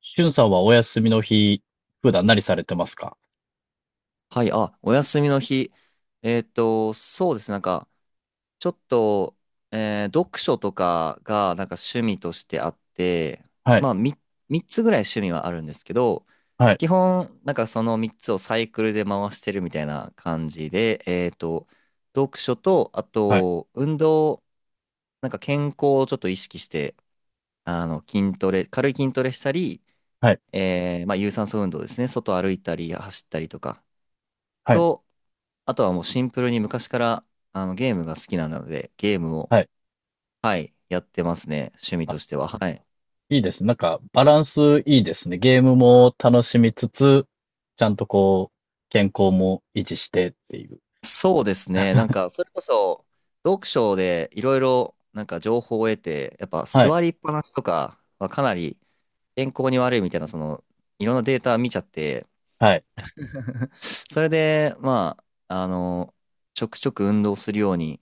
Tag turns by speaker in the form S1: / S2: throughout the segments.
S1: しゅんさんはお休みの日、普段何されてますか？
S2: はい、あ、お休みの日。そうですね。なんか、ちょっと、読書とかが、なんか趣味としてあって、
S1: はい、
S2: まあ、3、つぐらい趣味はあるんですけど、
S1: はい、
S2: 基本、なんかその3つをサイクルで回してるみたいな感じで、読書と、あ
S1: はい、
S2: と、運動、なんか健康をちょっと意識して、あの、筋トレ、軽い筋トレしたり、
S1: はい、
S2: まあ、有酸素運動ですね。外歩いたり、走ったりとか。
S1: はい、
S2: あとはもうシンプルに昔からゲームが好きなので、ゲームを、
S1: はい。
S2: はい、やってますね。趣味
S1: あ、
S2: としては。はい。
S1: いいですね。なんか、バランスいいですね。ゲームも楽しみつつ、ちゃんとこう、健康も維持してっていう。
S2: そうですね。なん か、それこそ、読書でいろいろ、なんか情報を得て、やっぱ
S1: はい、
S2: 座りっぱなしとかはかなり健康に悪いみたいな、いろんなデータ見ちゃって、
S1: はい、
S2: それで、まあ、ちょくちょく運動するように、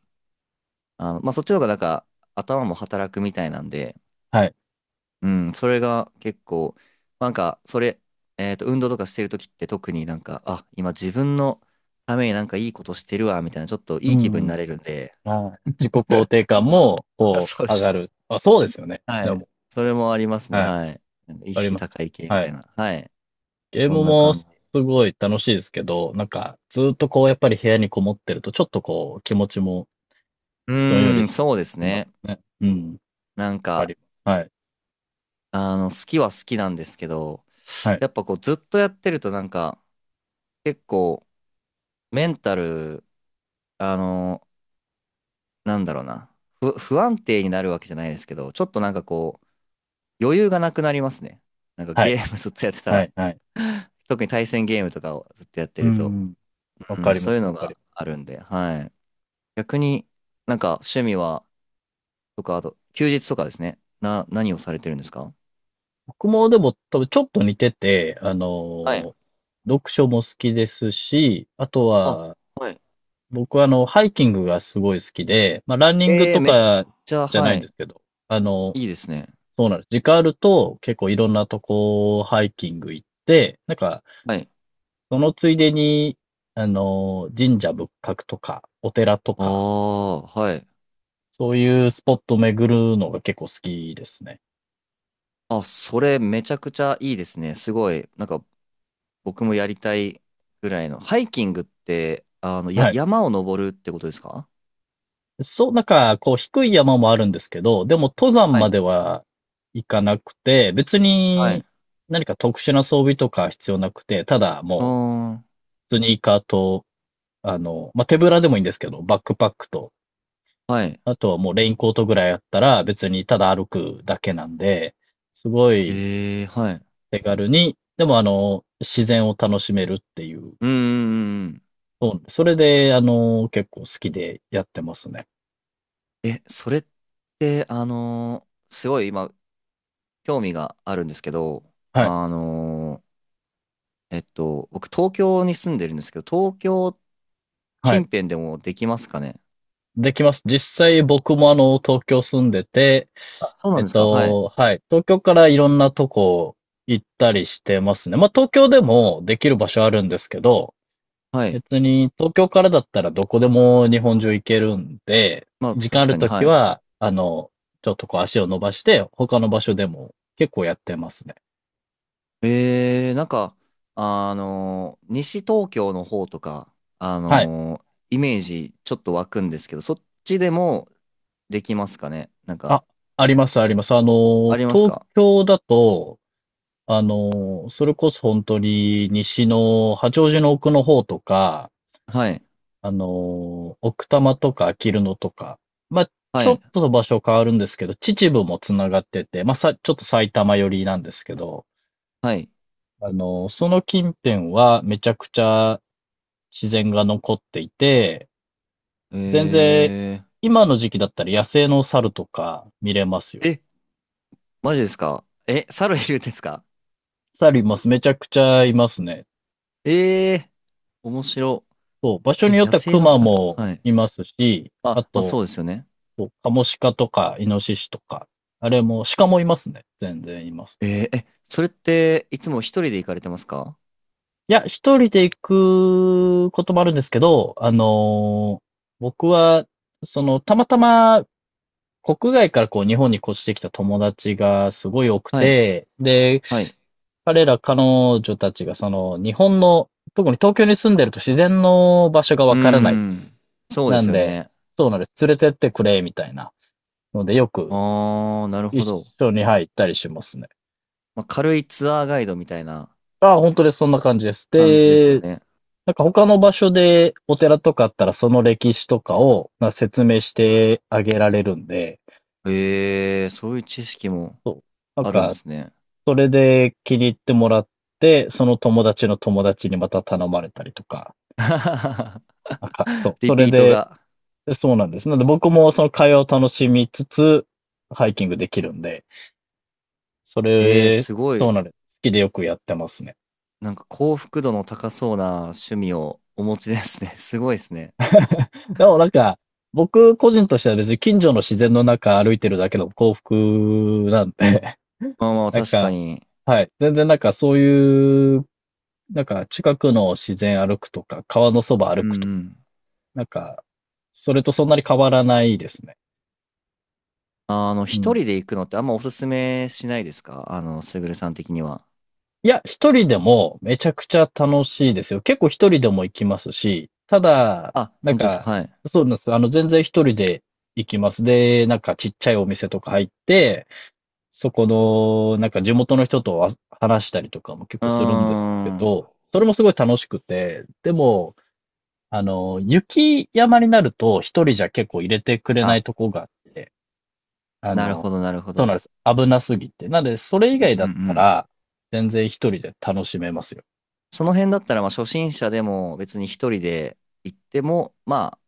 S2: まあ、そっちの方がなんか、頭も働くみたいなんで、
S1: はい。
S2: うん、それが結構、なんか、それ、えっと、運動とかしてるときって特になんか、あ、今自分のためになんかいいことしてるわ、みたいな、ちょっと
S1: う
S2: いい気分にな
S1: ん。
S2: れるんで、
S1: はい。自己肯定 感も、
S2: あ、
S1: こ
S2: そう
S1: う、
S2: で
S1: 上が
S2: す。
S1: る。あ、そうですよね。
S2: は
S1: で
S2: い。
S1: も、
S2: それもありますね、
S1: はい。
S2: はい。なんか意
S1: あり
S2: 識
S1: ます。
S2: 高い系み
S1: は
S2: たい
S1: い。
S2: な。はい。
S1: ゲー
S2: そ
S1: ム
S2: んな
S1: も
S2: 感
S1: す
S2: じ。
S1: ごい楽しいですけど、なんか、ずっとこう、やっぱり部屋にこもってると、ちょっとこう、気持ちも
S2: う
S1: どんより
S2: ーん、
S1: し
S2: そうです
S1: ます
S2: ね。
S1: ね。うん、わ
S2: なん
S1: か
S2: か、
S1: ります。はい。
S2: 好きは好きなんですけど、
S1: はい。
S2: やっぱこう、ずっとやってるとなんか、結構、メンタル、あの、なんだろうな、不安定になるわけじゃないですけど、ちょっとなんかこう、余裕がなくなりますね。なんか
S1: は
S2: ゲ
S1: い。
S2: ームずっとやってた
S1: は
S2: ら、
S1: い。はい。
S2: 特に対戦ゲームとかをずっとやって
S1: う
S2: ると、
S1: ん。わ
S2: う
S1: か
S2: ん、
S1: りま
S2: そうい
S1: す。
S2: う
S1: わ
S2: の
S1: かり
S2: が
S1: ます。
S2: あるんで、はい。逆になんか趣味は、とか、あと、休日とかですね。何をされてるんですか？
S1: 僕もでも多分ちょっと似てて、
S2: はい。
S1: 読書も好きですし、あと
S2: あ、
S1: は、
S2: はい。
S1: 僕はハイキングがすごい好きで、まあ、ランニングと
S2: めっ
S1: か
S2: ちゃ、
S1: じゃな
S2: は
S1: いんで
S2: い。
S1: すけど、あの、
S2: いいですね。
S1: そうなんです。時間あると結構いろんなとこハイキング行って、なんか、
S2: はい。
S1: そのついでに、神社仏閣とか、お寺と
S2: あ
S1: か、
S2: あ、はい。
S1: そういうスポットを巡るのが結構好きですね。
S2: あ、それめちゃくちゃいいですね。すごい。なんか僕もやりたいぐらいの。ハイキングって、
S1: はい。
S2: 山を登るってことですか？
S1: そう、なんか、こう、低い山もあるんですけど、でも登山
S2: は
S1: ま
S2: い。
S1: では行かなくて、別
S2: は
S1: に
S2: い。
S1: 何か特殊な装備とか必要なくて、ただ
S2: あ
S1: もう、
S2: ー、
S1: スニーカーと、まあ、手ぶらでもいいんですけど、バックパックと、
S2: はい。
S1: あとはもうレインコートぐらいあったら、別にただ歩くだけなんで、すごい
S2: はい。
S1: 手軽に、でも自然を楽しめるっていう、
S2: うんうんうんうん。
S1: そうそれで、結構好きでやってますね。
S2: え、それって、すごい今、興味があるんですけど、
S1: はい。
S2: あの僕、東京に住んでるんですけど、東京
S1: は
S2: 近
S1: い。
S2: 辺でもできますかね？
S1: できます。実際僕も東京住んでて、
S2: あ、そうな
S1: え
S2: ん
S1: っ
S2: ですか？はい。
S1: と、はい。東京からいろんなとこ行ったりしてますね。まあ、東京でもできる場所あるんですけど、
S2: はい。
S1: 別に東京からだったらどこでも日本中行けるんで、
S2: まあ、
S1: 時間あ
S2: 確
S1: る
S2: かに、
S1: とき
S2: はい。
S1: は、ちょっとこう足を伸ばして、他の場所でも結構やってますね。
S2: なんか、西東京の方とか、あ
S1: はい。
S2: のーイメージちょっと湧くんですけど、そっちでもできますかね？なんか、
S1: あ、あります、あります。
S2: あります
S1: 東
S2: か？
S1: 京だと、それこそ本当に西の八王子の奥の方とか、
S2: はい、
S1: 奥多摩とかあきる野とか、まあ、ち
S2: は
S1: ょっ
S2: い、
S1: と場所変わるんですけど、秩父もつながってて、まあ、ちょっと埼玉寄りなんですけど、
S2: はい。
S1: その近辺はめちゃくちゃ自然が残っていて、
S2: え
S1: 全然今の時期だったら野生の猿とか見れますよ。
S2: え、マジですか？え、猿いるんですか？
S1: 猿います。めちゃくちゃいますね。
S2: えー、面白。
S1: そう、場所に
S2: え、
S1: よっ
S2: 野
S1: ては
S2: 生の
S1: 熊
S2: 猿。
S1: も
S2: はい。
S1: いますし、あ
S2: あ、まあそ
S1: と、
S2: うですよね。
S1: そう、カモシカとか、イノシシとか、あれも、鹿もいますね。全然います。
S2: え、それっていつも一人で行かれてますか？
S1: いや、一人で行くこともあるんですけど、僕は、その、たまたま、国外からこう、日本に越してきた友達がすごい多く
S2: はい、
S1: て、で、
S2: はい。
S1: 彼ら彼女たちがその、日本の、特に東京に住んでると自然の場所が
S2: う
S1: わ
S2: ー
S1: からない。
S2: ん、そうで
S1: な
S2: す
S1: ん
S2: よ
S1: で、
S2: ね。
S1: そうなんです。連れてってくれ、みたいな。ので、よく
S2: ああ、なるほ
S1: 一
S2: ど。
S1: 緒に、はい、行ったりしますね。
S2: まあ、軽いツアーガイドみたいな
S1: あ、本当です。そんな感じです。
S2: 感じですよ
S1: で、
S2: ね。
S1: なんか他の場所でお寺とかあったらその歴史とかをな説明してあげられるんで、
S2: ええ、そういう知識も
S1: なん
S2: あるんで
S1: か
S2: すね。
S1: それで気に入ってもらって、その友達の友達にまた頼まれたりとか、なんか、そう、
S2: リ
S1: それ
S2: ピート
S1: で、
S2: が。
S1: そうなんです。なので僕もその会話を楽しみつつ、ハイキングできるんで、そ
S2: ええ、
S1: れ、
S2: すご
S1: そう
S2: い。
S1: なんです。好きでよくやってますね。
S2: なんか幸福度の高そうな趣味をお持ちですね。すごいですね。
S1: でもなんか、僕個人としては別に近所の自然の中歩いてるだけの幸福なんで、
S2: まあまあ、
S1: なん
S2: 確か
S1: か、
S2: に。
S1: はい。全然なんかそういう、なんか近くの自然歩くとか、川のそば歩
S2: う
S1: く
S2: ん
S1: とか、
S2: うん。
S1: なんか、それとそんなに変わらないですね。う
S2: 一
S1: ん。
S2: 人で行くのってあんまおすすめしないですか？すぐるさん的には。
S1: いや、一人でもめちゃくちゃ楽しいですよ。結構一人でも行きますし、ただ、
S2: あ、
S1: なん
S2: 本当です
S1: か、
S2: か？はい。
S1: そうなんです。全然一人で行きます。で、なんかちっちゃいお店とか入って、そこの、なんか地元の人とは話したりとかも結
S2: うー
S1: 構するんですけ
S2: ん。
S1: ど、それもすごい楽しくて、でも、雪山になると一人じゃ結構入れてくれな
S2: あ、
S1: いとこがあって、あ
S2: なる
S1: の、
S2: ほど、なるほ
S1: そうなん
S2: ど。
S1: です。危なすぎて。なので、それ
S2: う
S1: 以
S2: ん
S1: 外
S2: う
S1: だっ
S2: んう
S1: た
S2: ん。
S1: ら、全然一人で楽しめますよ。
S2: その辺だったら、まあ、初心者でも別に一人で行っても、まあ、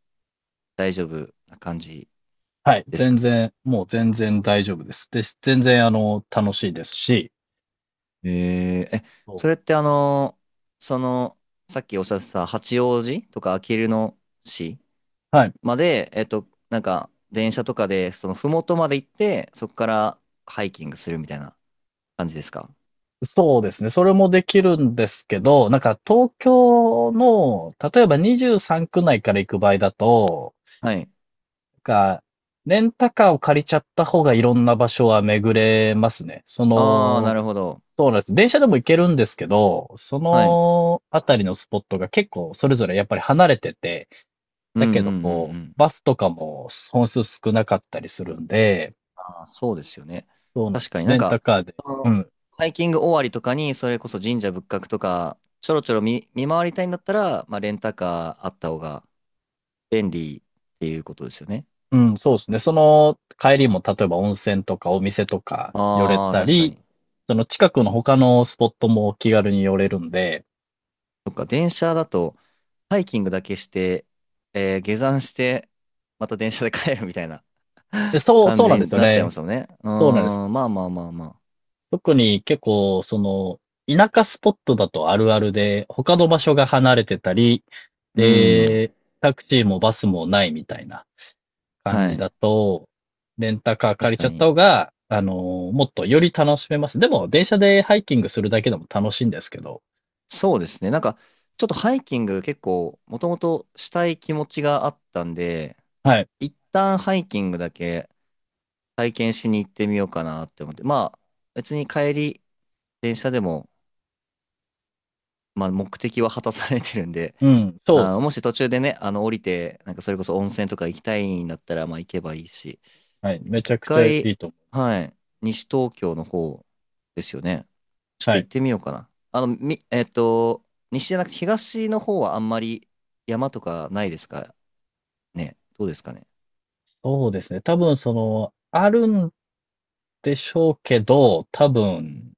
S2: 大丈夫な感じ
S1: はい。
S2: です
S1: 全
S2: か？
S1: 然、もう全然大丈夫です。で、全然、楽しいですし、
S2: え、
S1: そ
S2: それってその、さっきおっしゃってた八王子とかあきる野市
S1: うはい。
S2: まで、なんか、電車とかで、麓まで行って、そこからハイキングするみたいな感じですか？
S1: そうですね。それもできるんですけど、なんか東京の、例えば23区内から行く場合だと、
S2: はい。
S1: なんか、レンタカーを借りちゃった方がいろんな場所は巡れますね。そ
S2: ああ、な
S1: の、
S2: るほど。
S1: そうなんです。電車でも行けるんですけど、そ
S2: はい。
S1: のあたりのスポットが結構それぞれやっぱり離れてて、
S2: うんう
S1: だけど
S2: んうんう
S1: こ
S2: ん。
S1: う、バスとかも本数少なかったりするんで、
S2: あ、そうですよね。
S1: そうなんで
S2: 確か
S1: す。
S2: になん
S1: レンタ
S2: か、
S1: カーで、
S2: そ
S1: う
S2: の
S1: ん、
S2: ハイキング終わりとかに、それこそ神社仏閣とか、ちょろちょろ見回りたいんだったら、まあ、レンタカーあった方が便利っていうことですよね。
S1: うん、そうですね。その帰りも例えば温泉とかお店とか寄れ
S2: ああ、
S1: た
S2: 確か
S1: り、
S2: に。
S1: その近くの他のスポットも気軽に寄れるんで、
S2: そっか、電車だと、ハイキングだけして、下山して、また電車で帰るみたいな
S1: で、そう、
S2: 感
S1: そうなん
S2: じ
S1: で
S2: に
S1: すよ
S2: なっちゃいま
S1: ね。
S2: すよね。う
S1: そうなんです。
S2: ーん、まあまあまあまあ。
S1: 特に結構、その、田舎スポットだとあるあるで、他の場所が離れてたり、
S2: うん、
S1: で、タクシーもバスもないみたいな感
S2: は
S1: じ
S2: い。
S1: だと、レンタカー借
S2: 確
S1: りち
S2: か
S1: ゃった
S2: に。
S1: 方が、もっとより楽しめます。でも、電車でハイキングするだけでも楽しいんですけど、
S2: そうですね。なんか、ちょっとハイキング結構、もともとしたい気持ちがあったんで、
S1: はい。
S2: 一旦ハイキングだけ体験しに行ってみようかなって思って、まあ、別に帰り、電車でも、まあ、目的は果たされてるんで、
S1: うん、そうで
S2: あー、
S1: すね。
S2: もし途中でね、降りて、なんかそれこそ温泉とか行きたいんだったら、まあ、行けばいいし、
S1: はい。め
S2: 一
S1: ちゃくちゃいい
S2: 回、
S1: と思
S2: はい、西東京の方ですよね。ちょっ
S1: う。は
S2: と行
S1: い。
S2: ってみようかな。あの、み、えっと、西じゃなくて東の方はあんまり山とかないですかね？どうですかね？
S1: そうですね。多分その、あるんでしょうけど、多分、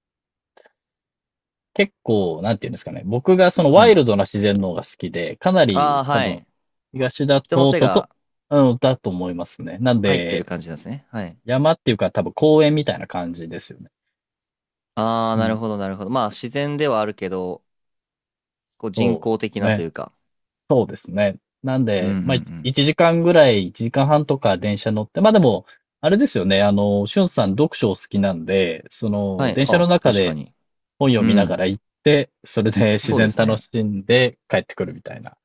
S1: 結構、なんていうんですかね。僕がその
S2: は
S1: ワイ
S2: い。
S1: ルドな自然の方が好きで、かな
S2: あ
S1: り
S2: あ、
S1: 多
S2: は
S1: 分、
S2: い。
S1: 東だ
S2: 人の
S1: と、
S2: 手が
S1: うん、だと思いますね。なん
S2: 入ってる
S1: で、
S2: 感じなんですね。はい。
S1: 山っていうか多分公園みたいな感じですよね。
S2: ああ、
S1: う
S2: なる
S1: ん、
S2: ほど、なるほど。まあ、自然ではあるけど、こう人
S1: そ
S2: 工的
S1: う
S2: なと
S1: ね。
S2: いうか。
S1: そうですね。なん
S2: うんう
S1: で、
S2: ん
S1: まあ、
S2: うん。
S1: 1時間ぐらい、1時間半とか電車乗って、まあ、でも、あれですよね、しゅんさん読書お好きなんで、そ
S2: は
S1: の、
S2: い。
S1: 電車の
S2: あ、
S1: 中
S2: 確か
S1: で
S2: に。
S1: 本読
S2: う
S1: みなが
S2: ん。
S1: ら行って、それで自
S2: そうで
S1: 然
S2: す
S1: 楽
S2: ね。
S1: しんで帰ってくるみたいな。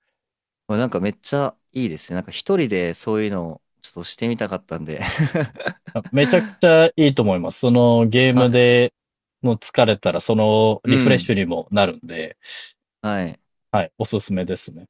S2: これなんかめっちゃいいですね。なんか一人でそういうのをちょっとしてみたかったんで
S1: まあめちゃくちゃ いいと思います。そのゲームでの疲れたら、その
S2: う
S1: リフレッシ
S2: ん。
S1: ュにもなるんで、
S2: はい。
S1: はい、おすすめですね。